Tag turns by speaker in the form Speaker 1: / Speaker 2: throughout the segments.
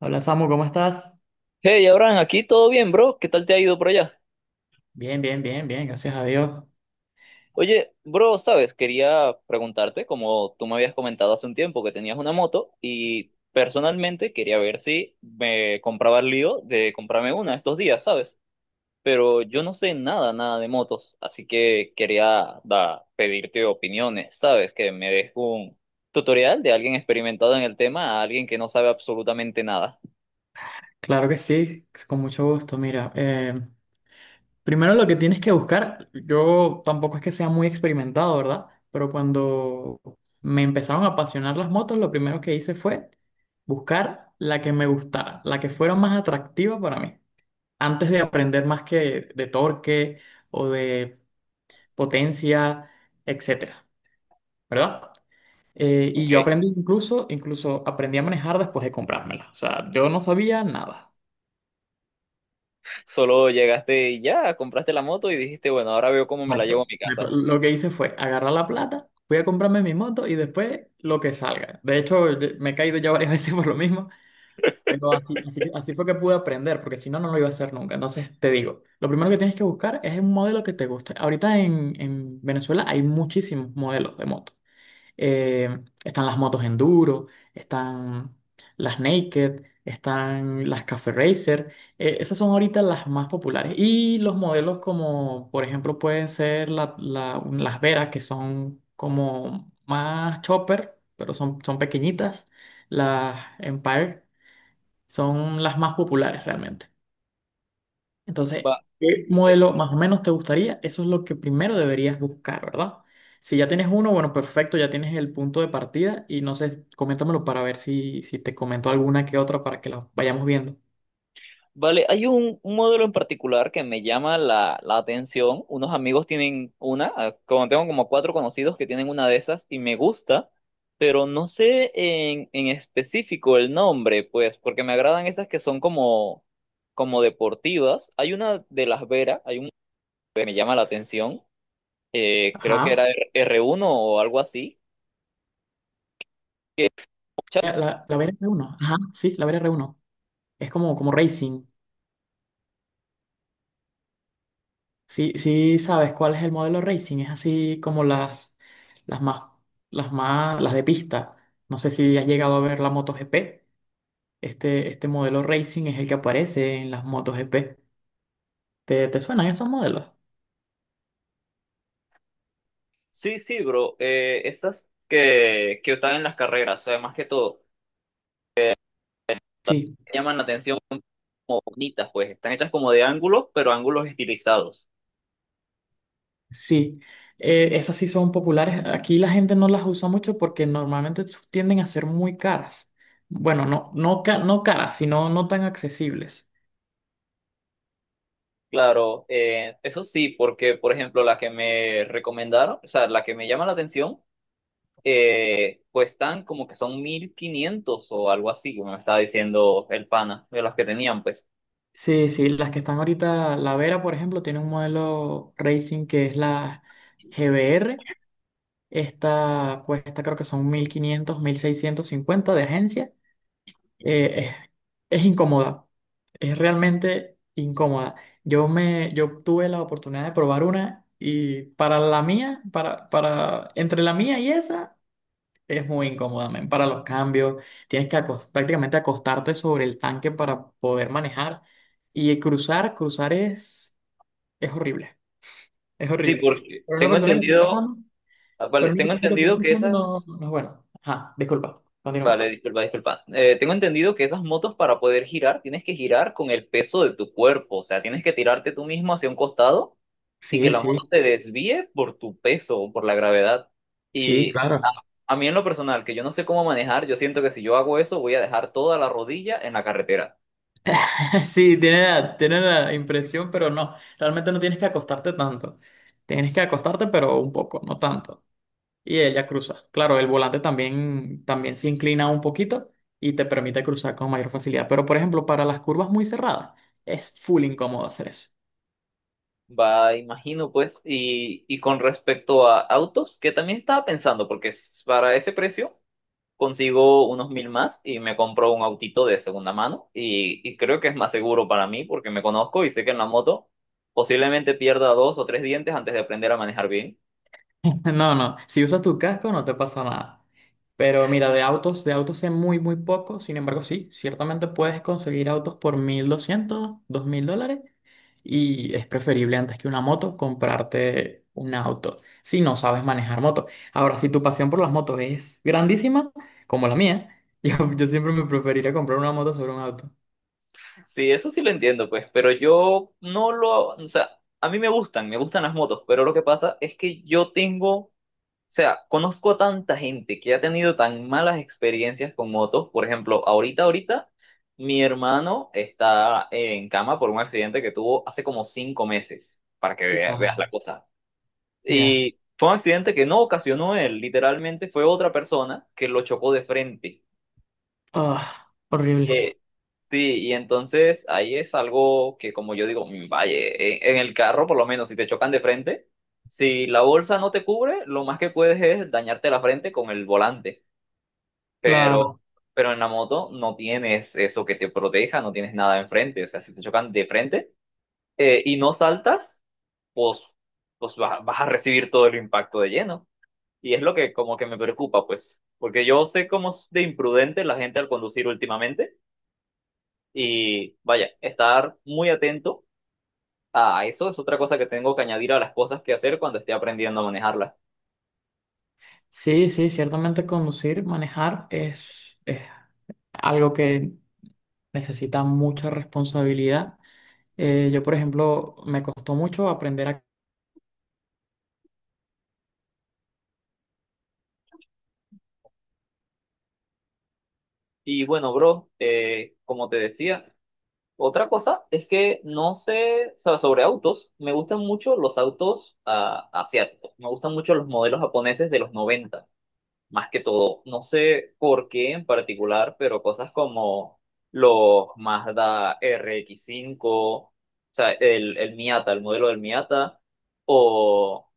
Speaker 1: Hola Samu, ¿cómo estás?
Speaker 2: Hey, Abraham, aquí todo bien, bro. ¿Qué tal te ha ido por allá?
Speaker 1: Bien, bien, bien, bien, gracias a Dios.
Speaker 2: Oye, bro, sabes, quería preguntarte, como tú me habías comentado hace un tiempo que tenías una moto y personalmente quería ver si me compraba el lío de comprarme una estos días, ¿sabes? Pero yo no sé nada, nada de motos, así que quería pedirte opiniones, ¿sabes? Que me des un tutorial de alguien experimentado en el tema a alguien que no sabe absolutamente nada.
Speaker 1: Claro que sí, con mucho gusto. Mira, primero lo que tienes que buscar, yo tampoco es que sea muy experimentado, ¿verdad? Pero cuando me empezaron a apasionar las motos, lo primero que hice fue buscar la que me gustara, la que fuera más atractiva para mí. Antes de aprender más que de torque o de potencia, etcétera, ¿verdad? Y
Speaker 2: Ok.
Speaker 1: yo aprendí incluso aprendí a manejar después de comprármela. O sea, yo no sabía nada.
Speaker 2: Solo llegaste y ya, compraste la moto y dijiste, bueno, ahora veo cómo me la llevo a
Speaker 1: Exacto.
Speaker 2: mi
Speaker 1: Exacto.
Speaker 2: casa.
Speaker 1: Lo que hice fue agarrar la plata, fui a comprarme mi moto y después lo que salga. De hecho, me he caído ya varias veces por lo mismo, pero así, así, así fue que pude aprender, porque si no, no lo iba a hacer nunca. Entonces, te digo, lo primero que tienes que buscar es un modelo que te guste. Ahorita en Venezuela hay muchísimos modelos de moto. eh, Están las motos enduro, están las naked, están las Cafe Racer. Esas son ahorita las más populares. Y los modelos como, por ejemplo, pueden ser las Veras, que son como más chopper, pero son pequeñitas. Las Empire son las más populares realmente.
Speaker 2: Va,
Speaker 1: Entonces, ¿qué
Speaker 2: eh,
Speaker 1: modelo más o menos te gustaría? Eso es lo que primero deberías buscar, ¿verdad? Si ya tienes uno, bueno, perfecto, ya tienes el punto de partida y no sé, coméntamelo para ver si te comento alguna que otra para que la vayamos viendo.
Speaker 2: vale, hay un modelo en particular que me llama la atención. Unos amigos tienen una, como tengo como cuatro conocidos que tienen una de esas y me gusta, pero no sé en específico el nombre, pues, porque me agradan esas que son como, como deportivas. Hay una de Las Veras, hay un que me llama la atención, creo que era
Speaker 1: Ajá.
Speaker 2: Uno o algo así.
Speaker 1: La VR1. Ajá, sí, la VR Uno. Es como racing. Sí, sí, sabes cuál es el modelo racing. Es así como las más, las las de pista. No sé si has llegado a ver la MotoGP. Este modelo racing es el que aparece en las MotoGP. ¿Te suenan esos modelos?
Speaker 2: Sí, sí, bro. Esas que están en las carreras, o sea, más que todo,
Speaker 1: Sí,
Speaker 2: llaman la atención como bonitas, pues están hechas como de ángulos, pero ángulos estilizados.
Speaker 1: sí, esas sí son populares. Aquí la gente no las usa mucho porque normalmente tienden a ser muy caras. Bueno, no, no, no caras, sino no tan accesibles.
Speaker 2: Claro, eso sí, porque por ejemplo la que me recomendaron, o sea, la que me llama la atención, pues están como que son 1.500 o algo así, como me estaba diciendo el pana de las que tenían, pues.
Speaker 1: Sí, sí, las que están ahorita, la Vera, por ejemplo, tiene un modelo Racing que es la GBR. Esta cuesta creo que son mil 1.500 1.650 de agencia. Eh, es, es incómoda, es realmente incómoda. Yo tuve la oportunidad de probar una y para la mía, para entre la mía y esa, es muy incómoda, men, para los cambios. Tienes que prácticamente acostarte sobre el tanque para poder manejar y cruzar es horrible, es
Speaker 2: Sí,
Speaker 1: horrible.
Speaker 2: porque
Speaker 1: Pero una
Speaker 2: tengo
Speaker 1: persona que esté
Speaker 2: entendido,
Speaker 1: empezando,
Speaker 2: vale,
Speaker 1: pero una
Speaker 2: tengo
Speaker 1: persona que esté
Speaker 2: entendido que
Speaker 1: empezando no,
Speaker 2: esas...
Speaker 1: no es bueno. Ajá, disculpa, continúa.
Speaker 2: Vale, disculpa, disculpa. Tengo entendido que esas motos para poder girar tienes que girar con el peso de tu cuerpo, o sea, tienes que tirarte tú mismo hacia un costado y que
Speaker 1: Sí,
Speaker 2: la moto
Speaker 1: sí,
Speaker 2: se desvíe por tu peso o por la gravedad.
Speaker 1: sí,
Speaker 2: Y a,
Speaker 1: claro.
Speaker 2: a mí en lo personal, que yo no sé cómo manejar, yo siento que si yo hago eso voy a dejar toda la rodilla en la carretera.
Speaker 1: Sí, tiene la impresión, pero no. Realmente no tienes que acostarte tanto. Tienes que acostarte, pero un poco, no tanto. Y ella cruza. Claro, el volante también se inclina un poquito y te permite cruzar con mayor facilidad. Pero, por ejemplo, para las curvas muy cerradas, es full incómodo hacer eso.
Speaker 2: Va, imagino pues, y con respecto a autos, que también estaba pensando, porque s- para ese precio, consigo unos mil más y me compro un autito de segunda mano y creo que es más seguro para mí porque me conozco y sé que en la moto posiblemente pierda dos o tres dientes antes de aprender a manejar bien.
Speaker 1: No, no, si usas tu casco no te pasa nada. Pero mira, de autos sé muy, muy poco. Sin embargo, sí, ciertamente puedes conseguir autos por 1.200, $2.000. Y es preferible antes que una moto comprarte un auto si no sabes manejar moto. Ahora, si tu pasión por las motos es grandísima, como la mía, yo siempre me preferiría comprar una moto sobre un auto.
Speaker 2: Sí, eso sí lo entiendo, pues, pero yo no lo, o sea, a mí me gustan las motos, pero lo que pasa es que yo tengo... O sea, conozco a tanta gente que ha tenido tan malas experiencias con motos. Por ejemplo, ahorita, ahorita, mi hermano está en cama por un accidente que tuvo hace como 5 meses, para que veas
Speaker 1: Ah,
Speaker 2: la cosa.
Speaker 1: ya.
Speaker 2: Y fue un accidente que no ocasionó él, literalmente fue otra persona que lo chocó de frente.
Speaker 1: Ah, horrible.
Speaker 2: Eh, sí, y entonces ahí es algo que, como yo digo, vaya, en el carro, por lo menos, si te chocan de frente. Si la bolsa no te cubre, lo más que puedes es dañarte la frente con el volante. Pero,
Speaker 1: Claro.
Speaker 2: pero en la moto no tienes eso que te proteja, no tienes nada enfrente. O sea, si te chocan de frente y no saltas, pues, pues vas a recibir todo el impacto de lleno. Y es lo que como que me preocupa, pues, porque yo sé cómo es de imprudente la gente al conducir últimamente. Y vaya, estar muy atento a eso es otra cosa que tengo que añadir a las cosas que hacer cuando esté aprendiendo a manejarlas.
Speaker 1: Sí, sí, ciertamente conducir, manejar es algo que necesita mucha responsabilidad. Yo, por ejemplo, me costó mucho aprender a...
Speaker 2: Y bueno, bro, como te decía, otra cosa es que no sé, o sea, sobre autos, me gustan mucho los autos asiáticos, me gustan mucho los modelos japoneses de los 90, más que todo. No sé por qué en particular, pero cosas como los Mazda RX5, o sea, el Miata, el modelo del Miata, o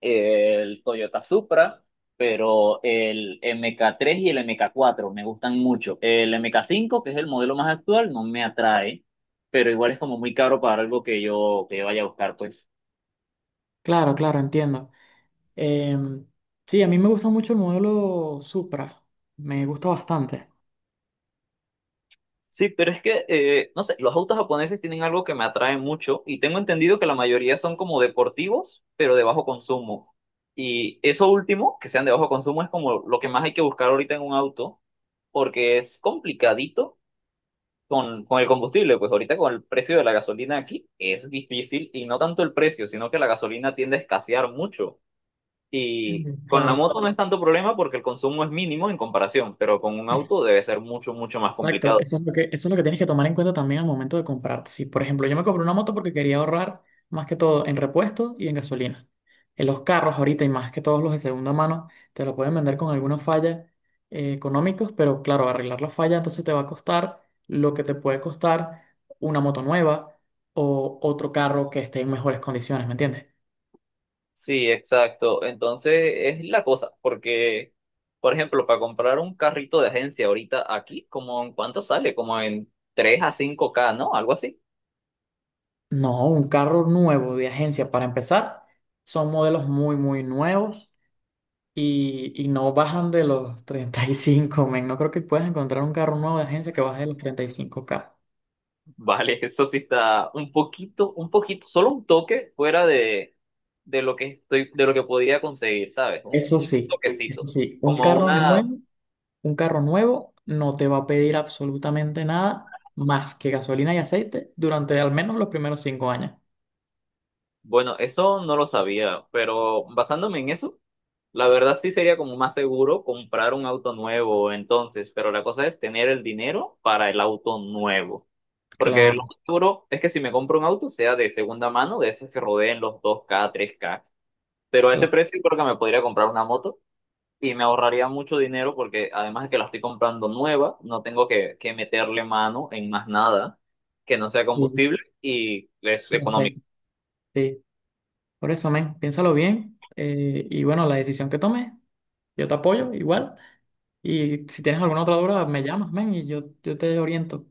Speaker 2: el Toyota Supra, pero el MK3 y el MK4 me gustan mucho. El MK5, que es el modelo más actual, no me atrae, pero igual es como muy caro para algo que yo vaya a buscar, pues.
Speaker 1: Claro, claro, entiendo. Em, sí, a mí me gusta mucho el modelo Supra, me gusta bastante.
Speaker 2: Sí, pero es que, no sé, los autos japoneses tienen algo que me atrae mucho y tengo entendido que la mayoría son como deportivos, pero de bajo consumo. Y eso último, que sean de bajo consumo, es como lo que más hay que buscar ahorita en un auto, porque es complicadito con el combustible, pues ahorita con el precio de la gasolina aquí es difícil y no tanto el precio, sino que la gasolina tiende a escasear mucho. Y
Speaker 1: Mm,
Speaker 2: con la
Speaker 1: claro.
Speaker 2: moto no es tanto problema porque el consumo es mínimo en comparación, pero con un auto debe ser mucho, mucho más
Speaker 1: Exacto,
Speaker 2: complicado.
Speaker 1: eso es lo que tienes que tomar en cuenta también al momento de comprarte. Si, por ejemplo, yo me compré una moto porque quería ahorrar más que todo en repuestos y en gasolina. En los carros ahorita y más que todos los de segunda mano, te lo pueden vender con alguna falla económicos, pero claro, arreglar la falla entonces te va a costar lo que te puede costar una moto nueva o otro carro que esté en mejores condiciones, ¿me entiendes?
Speaker 2: Sí, exacto. Entonces es la cosa, porque, por ejemplo, para comprar un carrito de agencia ahorita aquí, como en cuánto sale, como en 3 a 5K, ¿no? Algo así.
Speaker 1: No, un carro nuevo de agencia para empezar, son modelos muy, muy nuevos y no bajan de los 35 men. No creo que puedas encontrar un carro nuevo de agencia que baje de los 35K.
Speaker 2: Vale, eso sí está un poquito, solo un toque fuera de lo que estoy, de lo que podía conseguir, ¿sabes? Un,
Speaker 1: Eso
Speaker 2: un
Speaker 1: sí, eso
Speaker 2: toquecito.
Speaker 1: sí,
Speaker 2: Como una,
Speaker 1: un carro nuevo no te va a pedir absolutamente nada más que gasolina y aceite durante al menos los primeros 5 años.
Speaker 2: bueno, eso no lo sabía, pero basándome en eso, la verdad sí sería como más seguro comprar un auto nuevo entonces, pero la cosa es tener el dinero para el auto nuevo. Porque lo
Speaker 1: Claro,
Speaker 2: más seguro es que si me compro un auto sea de segunda mano, de esos que rodeen los 2K-3K. Pero a ese
Speaker 1: claro.
Speaker 2: precio creo que me podría comprar una moto y me ahorraría mucho dinero porque además de que la estoy comprando nueva, no tengo que meterle mano en más nada que no sea
Speaker 1: Sí,
Speaker 2: combustible y es
Speaker 1: y
Speaker 2: económico.
Speaker 1: aceite, sí. Por eso, men, piénsalo bien. Y bueno, la decisión que tomes, yo te apoyo igual. Y si tienes alguna otra duda, me llamas, men, y yo te oriento.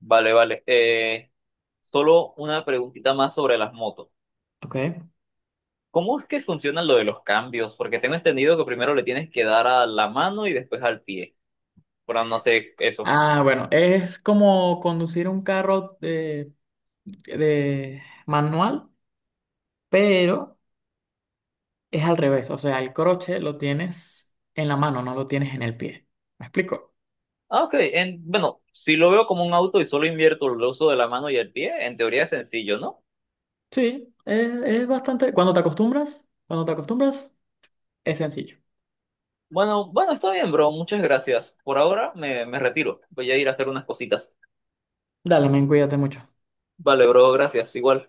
Speaker 2: Vale, vale. Solo una preguntita más sobre las motos.
Speaker 1: Ok.
Speaker 2: ¿Cómo es que funciona lo de los cambios? Porque tengo entendido que primero le tienes que dar a la mano y después al pie. Pero no sé eso.
Speaker 1: Ah, bueno, es como conducir un carro de manual, pero es al revés. O sea, el croche lo tienes en la mano, no lo tienes en el pie. ¿Me explico?
Speaker 2: Ah, ok. En- bueno, si lo veo como un auto y solo invierto el uso de la mano y el pie, en teoría es sencillo, ¿no?
Speaker 1: Sí, es bastante. Cuando te acostumbras, es sencillo.
Speaker 2: Bueno, bueno, está bien, bro. Muchas gracias. Por ahora me retiro. Voy a ir a hacer unas cositas.
Speaker 1: Dale, men, cuídate mucho.
Speaker 2: Vale, bro, gracias. Igual.